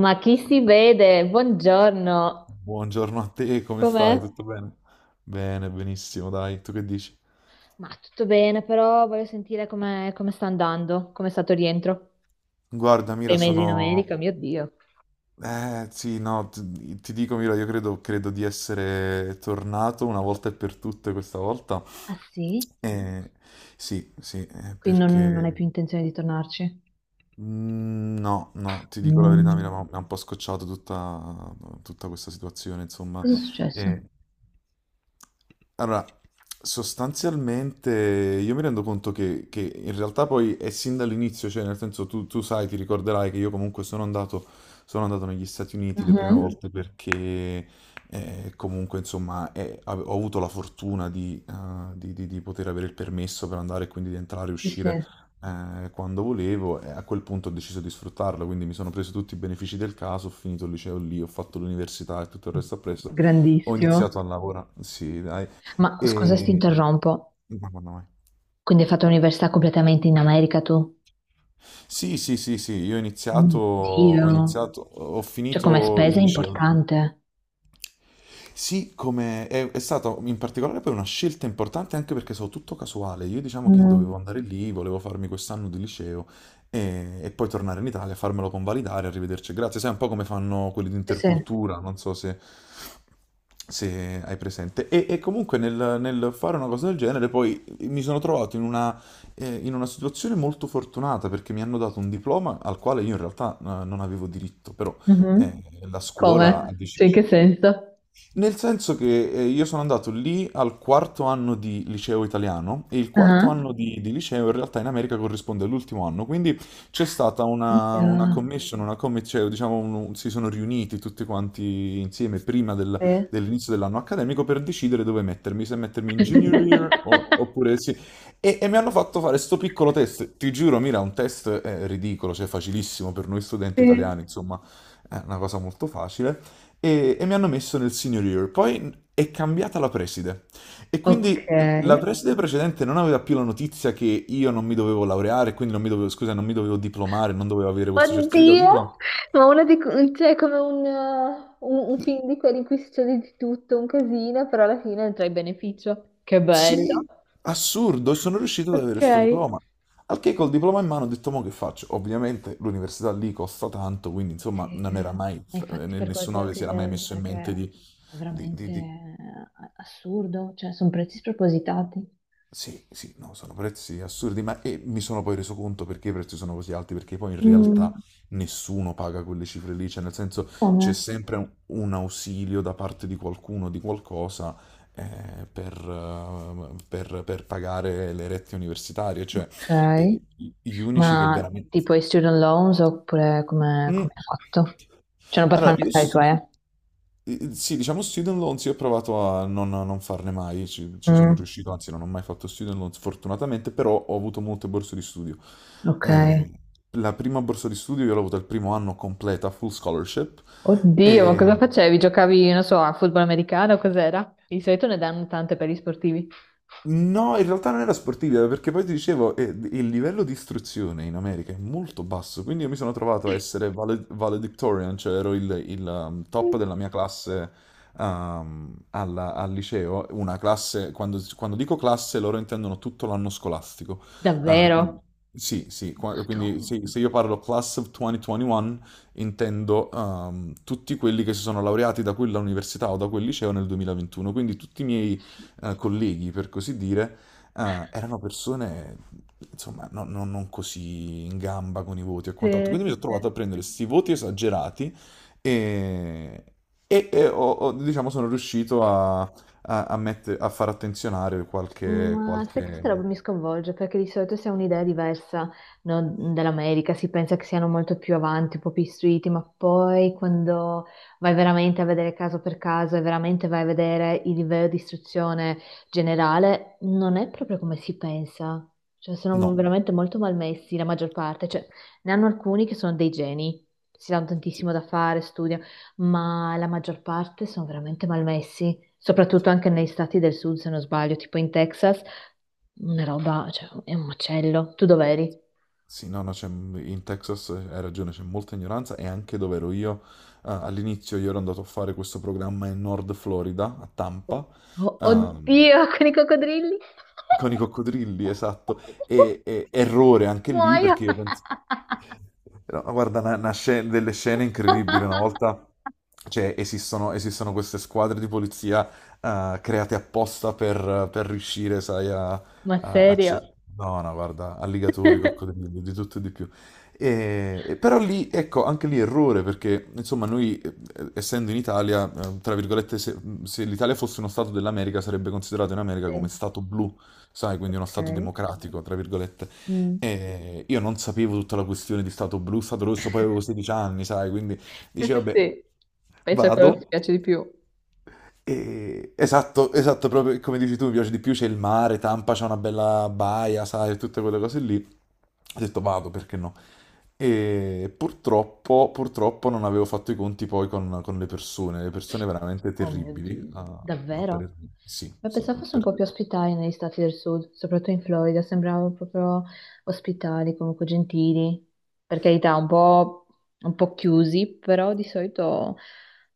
Ma chi si vede? Buongiorno, Buongiorno a te, come com'è? stai? Tutto bene? Bene, benissimo, dai, tu che dici? Ma tutto bene, però voglio sentire come come sta andando, come è stato il rientro. Guarda, Sei Mira, mesi in sono. America, mio Dio. Sì, no, ti dico, Mira, io credo, credo di essere tornato una volta e per tutte questa volta. Ah sì? Eh, sì, sì, Quindi non hai perché. più intenzione di tornarci? Mm, no, no, ti dico la verità, mi ha Mm. mi ha un po' scocciato tutta questa situazione, insomma. Cosa è successo? E- Allora, sostanzialmente io mi rendo conto che in realtà poi è sin dall'inizio, cioè nel senso tu sai, ti ricorderai che io comunque sono andato negli Stati Uniti le prime Mhm. volte perché comunque insomma ho avuto la fortuna di, di poter avere il permesso per andare e quindi di entrare e Sì, uscire sì. Quando volevo, e a quel punto ho deciso di sfruttarlo, quindi mi sono preso tutti i benefici del caso, ho finito il liceo lì, ho fatto l'università e tutto il resto appresso, ho Grandissimo. iniziato a lavorare, sì, dai, Ma scusa se ti e... interrompo, Madonna, mai. quindi hai fatto l'università completamente in America tu? Sì, sì, sì, sì, io ho Oh iniziato, mio ho Dio. iniziato, ho Cioè come finito il spesa è liceo. importante. Sì, come è stata in particolare poi una scelta importante, anche perché so tutto casuale. Io diciamo che Mm. dovevo andare lì, volevo farmi quest'anno di liceo e poi tornare in Italia, farmelo convalidare, arrivederci e grazie. Sai un po' come fanno quelli di Sì, sì. intercultura, non so se hai presente. E comunque nel fare una cosa del genere poi mi sono trovato in una situazione molto fortunata, perché mi hanno dato un diploma al quale io in realtà non avevo diritto, però eh, Mhm. la scuola ha Come? Cioè, deciso. in che senso? Nel senso che io sono andato lì al quarto anno di liceo italiano e il quarto Ah, anno di liceo in realtà in America corrisponde all'ultimo anno, quindi c'è stata una, io. Cioè, diciamo, si sono riuniti tutti quanti insieme prima Sì. dell'inizio dell'anno accademico per decidere dove mettermi, se mettermi in junior year oppure sì. E mi hanno fatto fare sto piccolo test, ti giuro, Mira, un test ridicolo, cioè facilissimo per noi studenti Sì. italiani, insomma, è una cosa molto facile. E mi hanno messo nel senior year. Poi è cambiata la preside, e Ok. quindi la preside precedente non aveva più la notizia che io non mi dovevo laureare, quindi non mi dovevo, scusa, non mi dovevo diplomare, non dovevo avere questo certificato di Oddio, diploma. ma una di, cioè, è come un film di quelli in cui succede di tutto, un casino, però alla fine ne trai beneficio. Che bello. Sì, assurdo, sono riuscito ad avere Ok. questo diploma. Al che col diploma in mano ho detto, ma che faccio? Ovviamente l'università lì costa tanto, quindi insomma Sì, non era mai, ma infatti per quello te nessuno lo si era mai chiedevo, messo in mente perché di, è di, veramente di- di- assurdo, cioè sono prezzi spropositati. Sì, sì, no, sono prezzi assurdi, ma e mi sono poi reso conto perché i prezzi sono così alti, perché poi in realtà Mm. nessuno paga quelle cifre lì, cioè nel senso c'è Come? sempre un ausilio da parte di qualcuno, di qualcosa, per pagare le rette universitarie, cioè Ok, eh, gli ma unici che veramente. tipo i student loans oppure come Mm. come hai fatto? Cioè, non per Allora, farmi pensare i tuoi, eh? Sì, diciamo student loans, io ho provato a non farne mai, ci sono Mm, riuscito, anzi non ho mai fatto student loans fortunatamente, però ho avuto molte borse di studio. ok. Eh, la prima borsa di studio io l'ho avuta il primo anno completa, full scholarship. Mm. Oddio, ma cosa facevi? Giocavi, non so, a football americano? Cos'era? Di solito ne danno tante per gli sportivi. No, in realtà non era sportiva, perché poi ti dicevo, il livello di istruzione in America è molto basso, quindi io mi sono trovato a essere valedictorian, cioè ero il top della mia classe al liceo, una classe, quando, quando dico classe loro intendono tutto l'anno scolastico. Quindi Davvero? sì, sì, quindi sì, Madonna. se io parlo class of 2021 intendo tutti quelli che si sono laureati da quella università o da quel liceo nel 2021, quindi tutti i miei colleghi, per così dire, erano persone, insomma, non così in gamba con i voti e quant'altro. Sì, Quindi mi sì, sono trovato a sì. prendere questi voti esagerati e, e diciamo, sono riuscito a a far attenzionare qualche, Ma sai che questa qualche. roba mi sconvolge perché di solito si ha un'idea diversa, no, dell'America, si pensa che siano molto più avanti, un po' più istruiti, ma poi quando vai veramente a vedere caso per caso e veramente vai a vedere il livello di istruzione generale, non è proprio come si pensa. Cioè, sono No. veramente molto malmessi la maggior parte, cioè ne hanno alcuni che sono dei geni, si danno Sì, tantissimo da fare, studiano, ma la maggior parte sono veramente malmessi soprattutto anche negli stati del sud, se non sbaglio, tipo in Texas, una roba, cioè, è un macello. Tu dov'eri? sì, no, no, in Texas hai ragione, c'è molta ignoranza. E anche dove ero io, all'inizio io ero andato a fare questo programma in Nord Florida, a Tampa. Oh, ehm, oddio, con i coccodrilli? Con i coccodrilli, esatto. Errore anche lì, Muoio! perché io penso. No, guarda, delle scene incredibili. Una volta, cioè, esistono, esistono queste squadre di polizia create apposta per riuscire, sai. Ma serio? No, no, guarda, alligatori, coccodrilli, di tutto e di più. E però lì, ecco, anche lì errore, perché insomma noi, essendo in Italia, tra virgolette, se l'Italia fosse uno stato dell'America, sarebbe considerato in America come Sì, stato blu, sai, quindi uno Stato ok. democratico, tra virgolette. Mm. E io non sapevo tutta la questione di Stato blu, Stato rosso, poi avevo 16 anni, sai, quindi Sì, sì, dicevo, vabbè, sì. Penso a quello che ti vado. piace di più. Esatto, esatto, proprio come dici tu, mi piace di più, c'è il mare, Tampa c'è una bella baia, sai, tutte quelle cose lì. Ho detto vado, perché no? E purtroppo, purtroppo non avevo fatto i conti poi con le persone veramente Oh mio terribili, Dio, a davvero? parer mio. Sì, Ma sì, pensavo fosse un per- po' più ospitali negli stati del sud, soprattutto in Florida, sembravano proprio ospitali, comunque gentili, per carità, un po' chiusi, però di solito,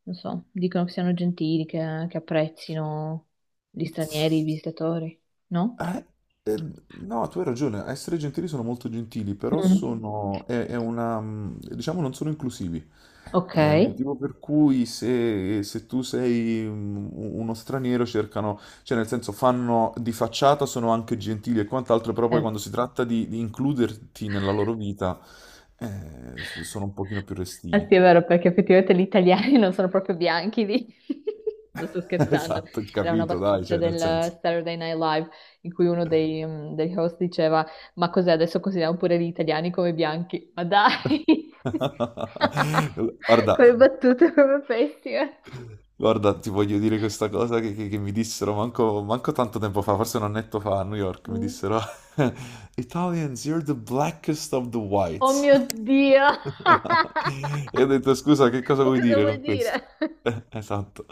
non so, dicono che siano gentili, che apprezzino gli stranieri, i visitatori, no? Ah, eh, no, tu hai ragione, a essere gentili sono molto gentili, però Mm. è una, diciamo, non sono inclusivi. Ok. È il motivo per cui se tu sei uno straniero cercano, cioè nel senso fanno di facciata, sono anche gentili e quant'altro, però poi Eh. quando si tratta di includerti nella loro vita, sono un pochino più Eh restii. sì, è vero, perché effettivamente gli italiani non sono proprio bianchi lì. Non sto scherzando. Esatto, Era una capito, dai, battuta cioè del nel senso. Saturday Night Live in cui uno dei, mm, degli host diceva: Ma cos'è adesso consideriamo pure gli italiani come bianchi? Ma dai! Guarda. Quelle battute proprio pessime. Guarda, ti voglio dire questa cosa che mi dissero manco, manco tanto tempo fa, forse un annetto fa a New York, mi Mm. dissero Italians, you're the blackest of the Oh whites. mio Dio! E ho detto, scusa, che cosa Ma vuoi cosa dire vuol con questo? dire? Esatto.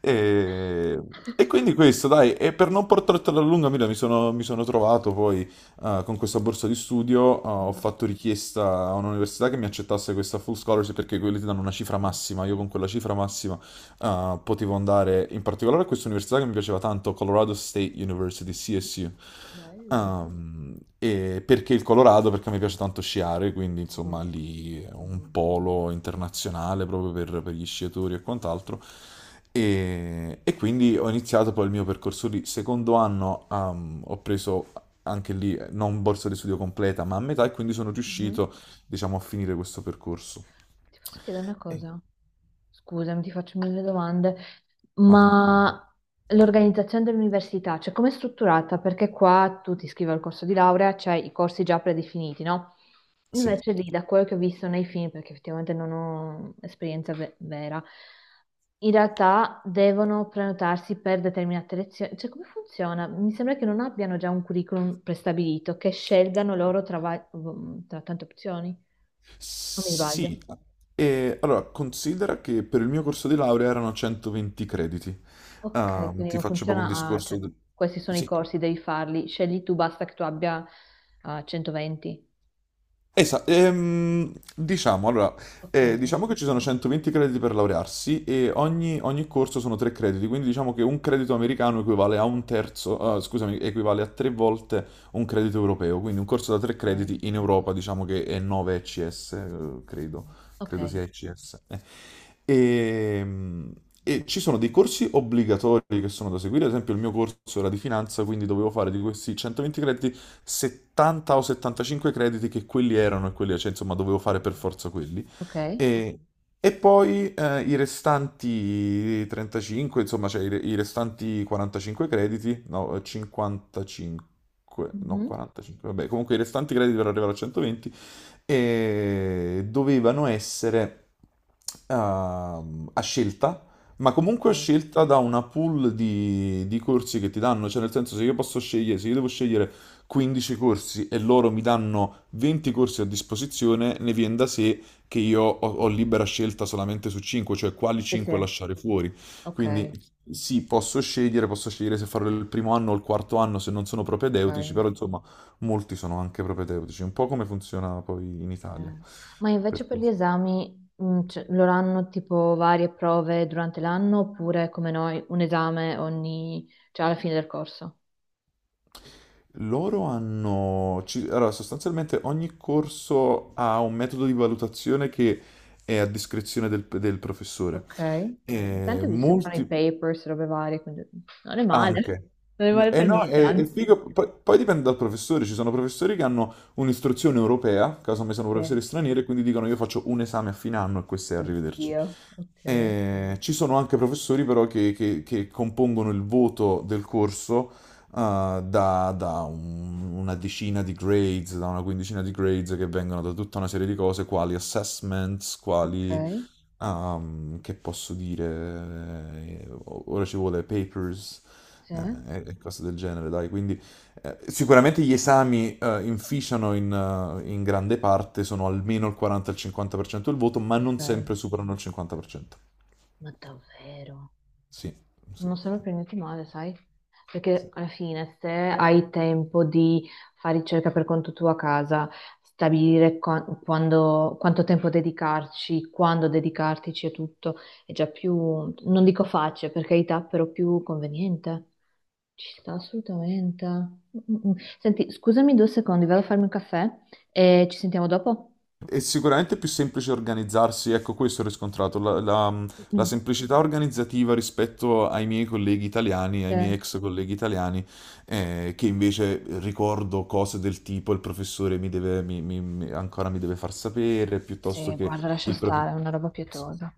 E, e quindi questo, dai, e per non portartela a lunga, Mira, mi sono trovato poi con questa borsa di studio, ho Mm. fatto richiesta a un'università che mi accettasse questa full scholarship, perché quelli ti danno una cifra Eh, massima, io con quella cifra massima potevo andare in particolare a questa università che mi piaceva tanto, Colorado State University, CSU. bello. E perché il Colorado? Perché mi piace tanto sciare, quindi insomma Mhm, lì è un mhm, polo internazionale proprio per gli sciatori e quant'altro. E quindi ho iniziato poi il mio percorso lì. Secondo anno ho preso anche lì non borsa di studio completa, ma a metà, e quindi sono mhm. riuscito, diciamo, a finire questo percorso. Ti posso chiedere una Ehi. cosa? Scusami, ti faccio mille domande, Ma tranquillo. ma l'organizzazione dell'università, cioè com'è strutturata? Perché qua tu ti iscrivi al corso di laurea, c'hai i corsi già predefiniti, no? Sì. Invece lì, da quello che ho visto nei film, perché effettivamente non ho esperienza vera, in realtà devono prenotarsi per determinate lezioni. Cioè, come funziona? Mi sembra che non abbiano già un curriculum prestabilito, che scelgano loro tra tra tante opzioni. Non mi sbaglio. Sì, e allora considera che per il mio corso di laurea erano 120 crediti. Ok, quindi Ti non faccio proprio un funziona, ah, discorso. cioè, questi sono i Sì, corsi, devi farli, scegli tu, basta che tu abbia ah, 120. esatto. Diciamo, allora, Ok, diciamo che ci sono 120 crediti per laurearsi, e ogni corso sono 3 crediti, quindi diciamo che un credito americano equivale a un terzo, scusami, equivale a 3 volte un credito europeo, quindi un corso da 3 ok, crediti in Europa diciamo che è 9 ECS, credo. ok, Credo sia ICS. E, e ci sono dei corsi obbligatori che sono da seguire, ad esempio il mio corso era di finanza, quindi dovevo fare di questi 120 crediti 70 o 75 crediti, che quelli erano, e quelli, cioè insomma dovevo fare per forza quelli. ok. E, e poi i restanti 35, insomma, cioè i restanti 45 crediti, no, 55, no, Mhm. 45, vabbè, comunque i restanti crediti per arrivare a 120 e dovevano essere a scelta, ma comunque a Ok. scelta da una pool di corsi che ti danno, cioè nel senso se io posso scegliere, se io devo scegliere 15 corsi e loro mi danno 20 corsi a disposizione, ne viene da sé che io ho libera scelta solamente su 5, cioè quali Sì, 5 sì, lasciare fuori. Quindi ok, sì, posso scegliere se farlo il primo anno o il quarto anno se non sono propedeutici, ok. però insomma. Molti sono anche propedeutici, un po' come funziona poi in Italia. Eh, ma invece Per per cui- gli esami, mm, cioè, loro hanno tipo varie prove durante l'anno oppure come noi un esame ogni, cioè alla fine del corso? Allora, sostanzialmente ogni corso ha un metodo di valutazione che è a discrezione del professore. Ok. E Tanto ho visto che fanno i molti... papers, robe varie, quindi non è male, Anche. non è male E per no, niente, è anzi. figo, poi, poi dipende dal professore, ci sono professori che hanno un'istruzione europea, caso me sono Sì. professori stranieri, e quindi dicono io faccio un esame a fine anno e questo è arrivederci. Oddio, ok, E ci sono anche professori però che compongono il voto del corso da una decina di grades, da una quindicina di grades che vengono da tutta una serie di cose, quali assessments, ok, quali. Ah, che posso dire? Ora ci vuole papers sì, e cose del genere, dai. Quindi sicuramente gli esami inficiano in grande parte, sono almeno il 40-50% del voto, ma non ok, sempre superano il 50%. ma davvero, Sì, sì, non sembra per niente male, sai? Perché sì. alla fine, se hai tempo di fare ricerca per conto tuo a casa, stabilire quanto tempo dedicarci, quando dedicartici e tutto, è già più, non dico facile, per carità, però più conveniente. Ci sta assolutamente. Mm, mm, mm. Senti, scusami due secondi, vado a farmi un caffè e ci sentiamo dopo? È sicuramente più semplice organizzarsi, ecco questo ho riscontrato, la Mm. semplicità organizzativa rispetto ai miei colleghi italiani, ai miei Eh, ex colleghi italiani, che invece ricordo cose del tipo il professore mi deve, mi- mi- mi- ancora mi deve far sapere, piuttosto sì, che guarda, lascia il stare, è professore. una roba Sì, pietosa.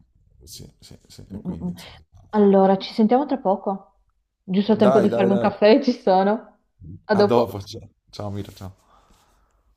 sì, sì, sì, Mm, e mm, quindi mm. insomma. Allora, ci sentiamo tra poco. Giusto il tempo Va Dai, di dai, farmi un bene. dai. Caffè, ci sono. A A dopo. dopo, ciao, ciao Mira, ciao.